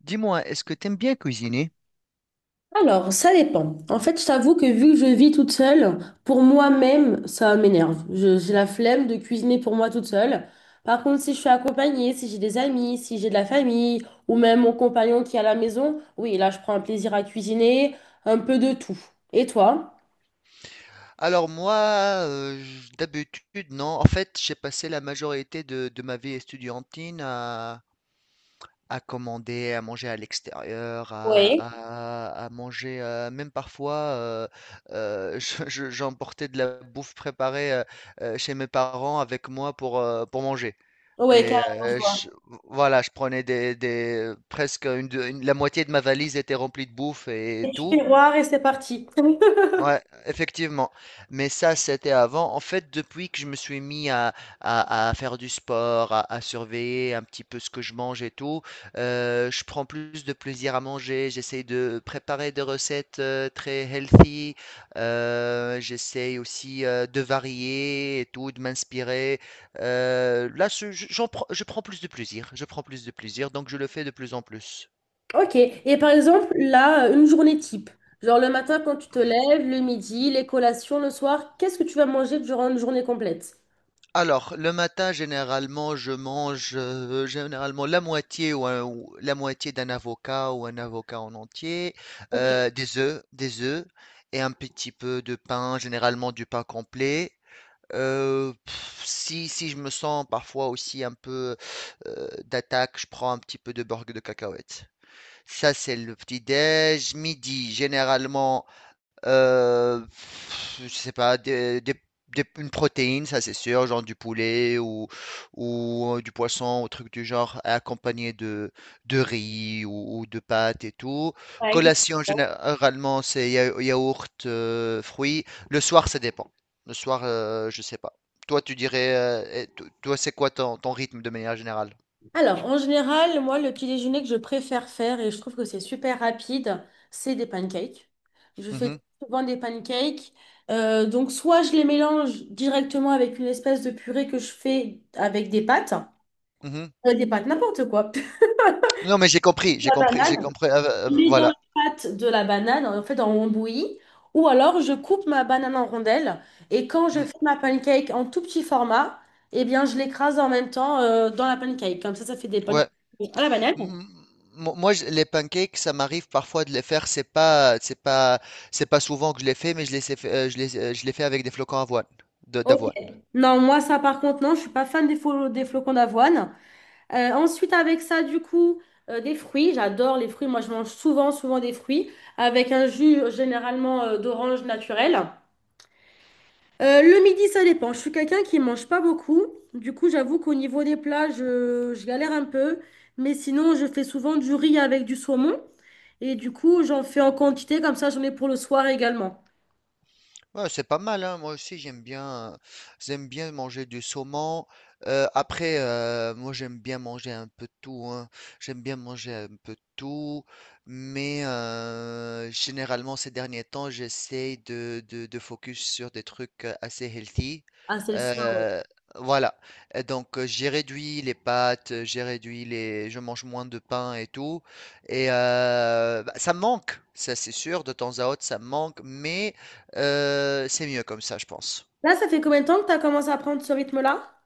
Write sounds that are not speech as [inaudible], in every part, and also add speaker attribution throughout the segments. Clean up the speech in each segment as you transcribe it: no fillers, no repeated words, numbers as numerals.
Speaker 1: Dis-moi, est-ce que t'aimes bien cuisiner?
Speaker 2: Alors, ça dépend. En fait, je t'avoue que vu que je vis toute seule, pour moi-même, ça m'énerve. J'ai la flemme de cuisiner pour moi toute seule. Par contre, si je suis accompagnée, si j'ai des amis, si j'ai de la famille, ou même mon compagnon qui est à la maison, oui, là, je prends un plaisir à cuisiner, un peu de tout. Et toi?
Speaker 1: Alors moi, d'habitude, non. En fait, j'ai passé la majorité de ma vie estudiantine à commander, à manger à l'extérieur,
Speaker 2: Oui.
Speaker 1: à manger, même parfois, [laughs] j'emportais de la bouffe préparée chez mes parents avec moi pour manger.
Speaker 2: Oui,
Speaker 1: Et
Speaker 2: carrément, je vois.
Speaker 1: voilà, je prenais presque la moitié de ma valise était remplie de bouffe et
Speaker 2: Je
Speaker 1: tout.
Speaker 2: fais roi et c'est parti.
Speaker 1: Ouais,
Speaker 2: [laughs]
Speaker 1: effectivement. Mais ça, c'était avant. En fait, depuis que je me suis mis à faire du sport, à surveiller un petit peu ce que je mange et tout, je prends plus de plaisir à manger. J'essaye de préparer des recettes très healthy. J'essaye aussi de varier et tout, de m'inspirer. Là, je prends plus de plaisir. Je prends plus de plaisir, donc je le fais de plus en plus.
Speaker 2: Ok. Et par exemple, là, une journée type. Genre le matin quand tu te lèves, le midi, les collations, le soir, qu'est-ce que tu vas manger durant une journée complète?
Speaker 1: Alors, le matin, généralement, je mange généralement la moitié ou la moitié d'un avocat ou un avocat en entier,
Speaker 2: Ok,
Speaker 1: des œufs et un petit peu de pain, généralement du pain complet. Si, si je me sens parfois aussi un peu d'attaque, je prends un petit peu de beurre de cacahuètes. Ça, c'est le petit déj. Midi, généralement, je sais pas, une protéine, ça c'est sûr, genre du poulet ou du poisson, ou truc du genre, accompagné de riz ou de pâtes et tout.
Speaker 2: ouais, il est
Speaker 1: Collation,
Speaker 2: bon.
Speaker 1: généralement, c'est yaourt, fruits. Le soir, ça dépend. Le soir, je sais pas. Toi, tu dirais, toi, c'est quoi ton, ton rythme de manière générale?
Speaker 2: Alors, en général, moi, le petit déjeuner que je préfère faire, et je trouve que c'est super rapide, c'est des pancakes. Je fais
Speaker 1: Mhm,
Speaker 2: souvent des pancakes. Donc, soit je les mélange directement avec une espèce de purée que je fais avec des pâtes,
Speaker 1: mhm.
Speaker 2: Des pâtes, n'importe quoi. [laughs]
Speaker 1: Non, mais j'ai compris, j'ai
Speaker 2: La
Speaker 1: compris, j'ai
Speaker 2: banane.
Speaker 1: compris.
Speaker 2: Je mets dans la
Speaker 1: Voilà.
Speaker 2: pâte de la banane, en fait, on bouillie. Ou alors, je coupe ma banane en rondelles. Et quand je
Speaker 1: Mm,
Speaker 2: fais ma pancake en tout petit format, eh bien, je l'écrase en même temps dans la pancake. Comme ça fait des pancakes
Speaker 1: ouais.
Speaker 2: à la banane.
Speaker 1: M- Moi, les pancakes, ça m'arrive parfois de les faire. C'est pas souvent que je les fais, mais je les, sais fa- je les fais avec des flocons avoine,
Speaker 2: Ok.
Speaker 1: d'avoine.
Speaker 2: Non, moi, ça, par contre, non, je suis pas fan des flocons d'avoine. Ensuite, avec ça, du coup, des fruits. J'adore les fruits. Moi, je mange souvent des fruits. Avec un jus, généralement, d'orange naturel. Le midi, ça dépend. Je suis quelqu'un qui mange pas beaucoup. Du coup, j'avoue qu'au niveau des plats, je galère un peu. Mais sinon, je fais souvent du riz avec du saumon. Et du coup, j'en fais en quantité. Comme ça, j'en ai pour le soir également.
Speaker 1: Ouais, c'est pas mal, hein. Moi aussi j'aime bien manger du saumon. Après, moi j'aime bien manger un peu de tout, hein. J'aime bien manger un peu de tout, mais généralement ces derniers temps j'essaye de focus sur des trucs assez healthy.
Speaker 2: Ah, c'est le soir, ouais.
Speaker 1: Euh, voilà. Et donc j'ai réduit les pâtes, j'ai réduit les, je mange moins de pain et tout. Et bah, ça me manque, ça c'est sûr, de temps à autre ça me manque, mais c'est mieux comme ça, je pense.
Speaker 2: Là, ça fait combien de temps que tu as commencé à prendre ce rythme-là?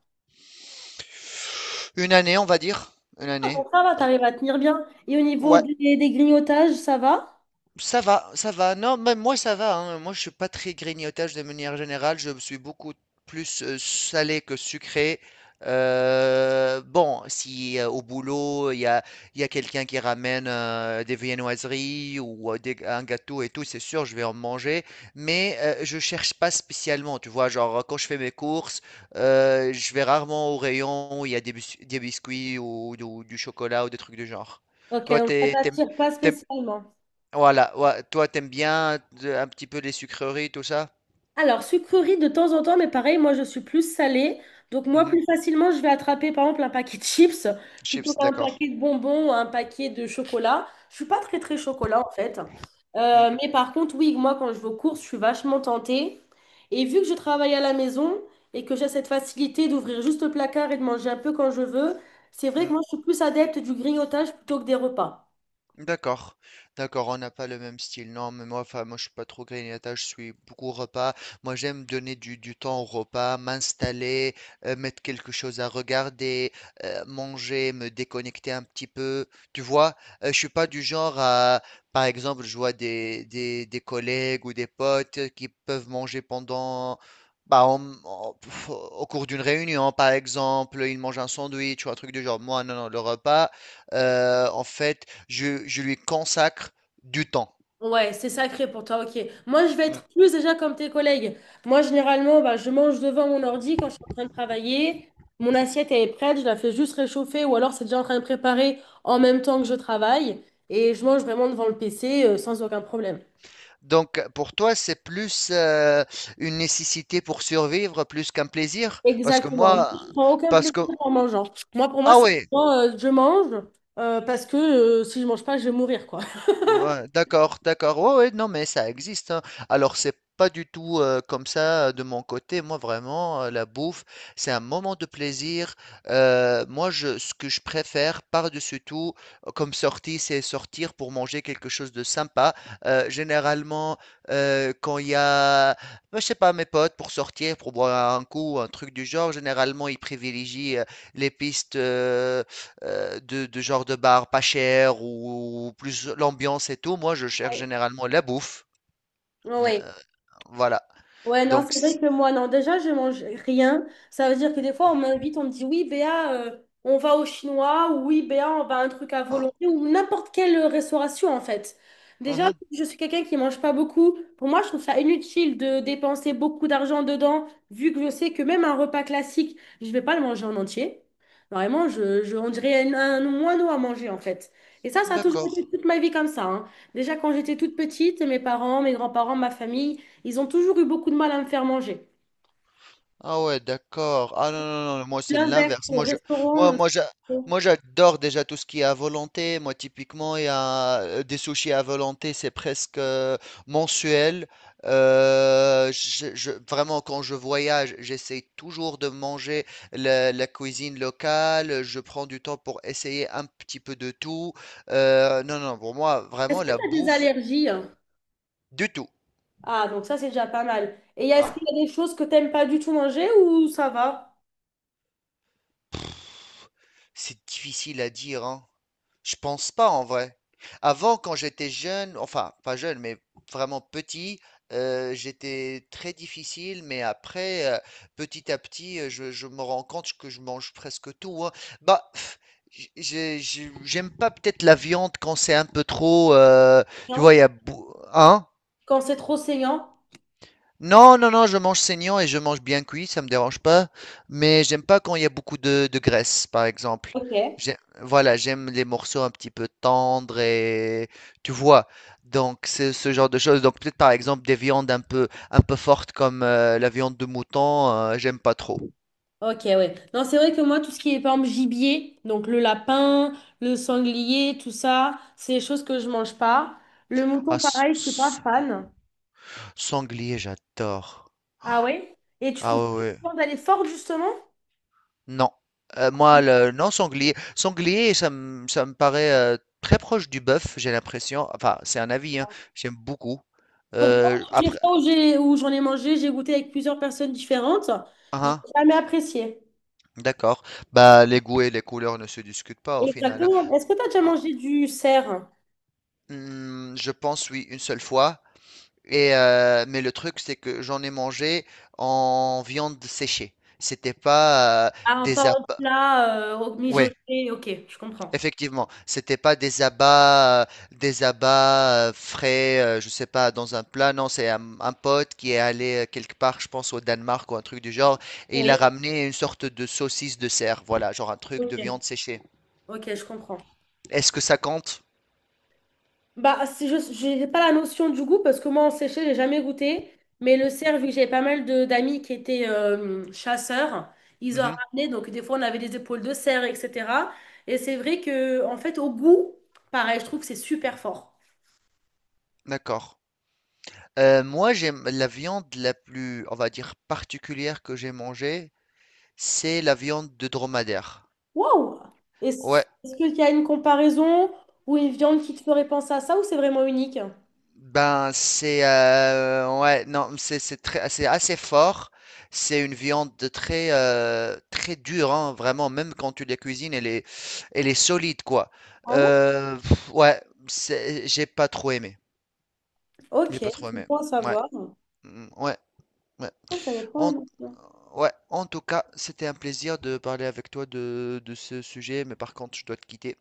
Speaker 1: Une année, on va dire. Une
Speaker 2: Ah, bon,
Speaker 1: année.
Speaker 2: ça va,
Speaker 1: Euh,
Speaker 2: t'arrives à tenir bien. Et au niveau
Speaker 1: ouais,
Speaker 2: des grignotages, ça va?
Speaker 1: ça va, ça va. Non, même moi, ça va, hein. Moi, je suis pas très grignotage de manière générale. Je suis beaucoup plus salé que sucré. Bon, si au boulot, il y a quelqu'un qui ramène des viennoiseries ou un gâteau et tout, c'est sûr, je vais en manger. Mais je cherche pas spécialement. Tu vois, genre, quand je fais mes courses, je vais rarement au rayon où il y a des biscuits ou, du chocolat ou des trucs du genre.
Speaker 2: Ok,
Speaker 1: Toi,
Speaker 2: donc ça
Speaker 1: t'es, t'aimes-
Speaker 2: t'attire pas spécialement.
Speaker 1: voilà, ouais, toi t'aimes bien de un petit peu les sucreries, tout ça?
Speaker 2: Alors, sucrerie de temps en temps, mais pareil, moi je suis plus salée. Donc, moi,
Speaker 1: Mmh.
Speaker 2: plus facilement, je vais attraper par exemple un paquet de chips plutôt
Speaker 1: Chips,
Speaker 2: qu'un
Speaker 1: d'accord.
Speaker 2: paquet de bonbons ou un paquet de chocolat. Je suis pas très très chocolat en fait.
Speaker 1: Mmh.
Speaker 2: Mais par contre, oui, moi quand je vais aux courses, je suis vachement tentée. Et vu que je travaille à la maison et que j'ai cette facilité d'ouvrir juste le placard et de manger un peu quand je veux, c'est vrai que
Speaker 1: Mmh.
Speaker 2: moi je suis plus adepte du grignotage plutôt que des repas.
Speaker 1: D'accord, d'accord, on n'a pas le même style. Non, mais moi, enfin, moi, je suis pas trop grignotage, je suis beaucoup repas. Moi, j'aime donner du temps au repas, m'installer, mettre quelque chose à regarder, manger, me déconnecter un petit peu. Tu vois, je suis pas du genre à, par exemple, je vois des collègues ou des potes qui peuvent manger pendant, bah, au cours d'une réunion, par exemple, ils mangent un sandwich ou un truc du genre. Moi, non, non, le repas. En fait, je lui consacre du temps.
Speaker 2: Ouais, c'est sacré pour toi, ok. Moi, je vais
Speaker 1: Mm.
Speaker 2: être plus déjà comme tes collègues. Moi, généralement, bah, je mange devant mon ordi quand je suis en train de travailler. Mon assiette, elle est prête, je la fais juste réchauffer ou alors c'est déjà en train de préparer en même temps que je travaille. Et je mange vraiment devant le PC, sans aucun problème.
Speaker 1: Donc pour toi, c'est plus une nécessité pour survivre plus qu'un plaisir, parce que
Speaker 2: Exactement. Moi,
Speaker 1: moi,
Speaker 2: je prends aucun
Speaker 1: parce
Speaker 2: plaisir
Speaker 1: que
Speaker 2: en mangeant. Moi, pour moi,
Speaker 1: ah
Speaker 2: c'est
Speaker 1: oui,
Speaker 2: vraiment, je mange parce que si je mange pas, je vais mourir, quoi. [laughs]
Speaker 1: ouais, d'accord, d'accord. Ouais, ouais, non, mais ça existe, hein. Alors, c'est pas du tout comme ça de mon côté. Moi, vraiment, la bouffe, c'est un moment de plaisir. Moi, ce que je préfère par-dessus tout, comme sortie, c'est sortir pour manger quelque chose de sympa. Généralement, quand il y a, bah, je sais pas, mes potes pour sortir, pour boire un coup, un truc du genre, généralement, ils privilégient les pistes. De genre de bar pas cher ou plus l'ambiance et tout. Moi, je cherche généralement la bouffe. Euh,
Speaker 2: Oui.
Speaker 1: Voilà.
Speaker 2: Ouais, non,
Speaker 1: Donc,
Speaker 2: c'est vrai
Speaker 1: c-
Speaker 2: que moi, non, déjà, je mange rien. Ça veut dire que des fois, on m'invite, on me dit, oui, Béa, on va au chinois, ou oui, Béa, on va à un truc à
Speaker 1: Oh,
Speaker 2: volonté, ou n'importe quelle restauration, en fait. Déjà,
Speaker 1: mhm,
Speaker 2: je suis quelqu'un qui mange pas beaucoup. Pour moi, je trouve ça inutile de dépenser beaucoup d'argent dedans, vu que je sais que même un repas classique, je vais pas le manger en entier. Vraiment, on dirait un moineau à manger, en fait. Et ça a toujours été
Speaker 1: d'accord.
Speaker 2: toute ma vie comme ça, hein. Déjà, quand j'étais toute petite, mes parents, mes grands-parents, ma famille, ils ont toujours eu beaucoup de mal à me faire manger.
Speaker 1: Ah ouais, d'accord. Ah non, non, non, moi c'est
Speaker 2: L'inverse,
Speaker 1: l'inverse.
Speaker 2: au
Speaker 1: Moi, je,
Speaker 2: restaurant.
Speaker 1: moi,
Speaker 2: Bon.
Speaker 1: moi j'adore déjà tout ce qui est à volonté. Moi, typiquement, il y a des sushis à volonté, c'est presque mensuel. Vraiment, quand je voyage, j'essaie toujours de manger la, la cuisine locale. Je prends du temps pour essayer un petit peu de tout. Non, non, pour moi,
Speaker 2: Est-ce
Speaker 1: vraiment,
Speaker 2: que
Speaker 1: la
Speaker 2: tu as des
Speaker 1: bouffe,
Speaker 2: allergies? Hein.
Speaker 1: du tout.
Speaker 2: Ah, donc ça, c'est déjà pas mal. Est-ce qu'il y a des choses que t'aimes pas du tout manger ou ça va?
Speaker 1: C'est difficile à dire, hein. Je pense pas en vrai. Avant, quand j'étais jeune, enfin pas jeune, mais vraiment petit, j'étais très difficile, mais après, petit à petit, je me rends compte que je mange presque tout, hein. Bah, pff, j- j'ai- j'aime pas peut-être la viande quand c'est un peu trop. Tu vois,
Speaker 2: Non.
Speaker 1: il y a, bou- hein?
Speaker 2: Quand c'est trop saignant?
Speaker 1: Non, non, non, je mange saignant et je mange bien cuit, ça me dérange pas. Mais j'aime pas quand il y a beaucoup de graisse, par exemple.
Speaker 2: Ok.
Speaker 1: J'ai- voilà, j'aime les morceaux un petit peu tendres et tu vois. Donc c'est ce genre de choses. Donc peut-être par exemple des viandes un peu fortes comme la viande de mouton, j'aime pas trop.
Speaker 2: Ok, ouais. Non, c'est vrai que moi, tout ce qui est, par exemple, gibier, donc le lapin, le sanglier, tout ça, c'est des choses que je mange pas. Le
Speaker 1: Ah,
Speaker 2: mouton,
Speaker 1: s-
Speaker 2: pareil, je suis pas
Speaker 1: s-
Speaker 2: fan.
Speaker 1: sanglier, j'adore.
Speaker 2: Ah ouais? Et tu
Speaker 1: Ah
Speaker 2: trouves
Speaker 1: ouais,
Speaker 2: que la
Speaker 1: ouais.
Speaker 2: viande, elle est forte, justement?
Speaker 1: Non. Sanglier. Sanglier, ça me paraît très proche du bœuf, j'ai l'impression. Enfin, c'est un avis, hein. J'aime beaucoup.
Speaker 2: Pourtant, toutes les
Speaker 1: Après,
Speaker 2: fois où j'en ai mangé, j'ai goûté avec plusieurs personnes différentes.
Speaker 1: hein,
Speaker 2: J'ai
Speaker 1: hein,
Speaker 2: jamais apprécié.
Speaker 1: d'accord. Bah, les goûts et les couleurs ne se discutent pas au final, hein.
Speaker 2: Exactement. Est-ce que tu as déjà
Speaker 1: Ah,
Speaker 2: mangé du cerf?
Speaker 1: hmm, je pense, oui, une seule fois. Et, mais le truc, c'est que j'en ai mangé en viande séchée. C'était pas
Speaker 2: Ah, pas
Speaker 1: des
Speaker 2: en
Speaker 1: abats.
Speaker 2: plat, mijoté. Ok, je comprends.
Speaker 1: Effectivement, c'était pas des abats, des abats frais, je sais pas, dans un plat. Non, c'est un pote qui est allé quelque part, je pense au Danemark ou un truc du genre, et il a
Speaker 2: Oui.
Speaker 1: ramené une sorte de saucisse de cerf. Voilà, genre un truc de
Speaker 2: Ok,
Speaker 1: viande séchée.
Speaker 2: ok, je comprends.
Speaker 1: Est-ce que ça compte?
Speaker 2: Bah, c'est juste, j'ai pas la notion du goût parce que moi, en séché, j'ai jamais goûté. Mais le cerf, vu que j'avais pas mal de d'amis qui étaient chasseurs, ils ont
Speaker 1: Mhm,
Speaker 2: ramené. Donc, des fois, on avait des épaules de cerf, etc. Et c'est vrai que, en fait, au goût, pareil, je trouve que c'est super fort.
Speaker 1: d'accord. Moi, j'aime la viande la plus, on va dire, particulière que j'ai mangée, c'est la viande de dromadaire.
Speaker 2: Waouh!
Speaker 1: Ouais,
Speaker 2: Est-ce qu'il y a une comparaison ou une viande qui te ferait penser à ça ou c'est vraiment unique?
Speaker 1: ben, c'est ouais, non, c'est très, c'est assez fort. C'est une viande de très très dure, hein, vraiment. Même quand tu la cuisines, elle est solide, quoi.
Speaker 2: Ah ouais?
Speaker 1: Ouais, j'ai pas trop aimé.
Speaker 2: Ok,
Speaker 1: J'ai pas trop
Speaker 2: c'est
Speaker 1: aimé.
Speaker 2: bon à
Speaker 1: Ouais,
Speaker 2: savoir.
Speaker 1: mm, ouais, ouais.
Speaker 2: Ah, je savais pas la
Speaker 1: En,
Speaker 2: mention.
Speaker 1: ouais. En tout cas, c'était un plaisir de parler avec toi de ce sujet, mais par contre, je dois te quitter.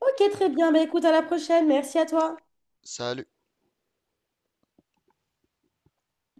Speaker 2: Ok, très bien. Bah, écoute, à la prochaine. Merci à toi.
Speaker 1: Salut.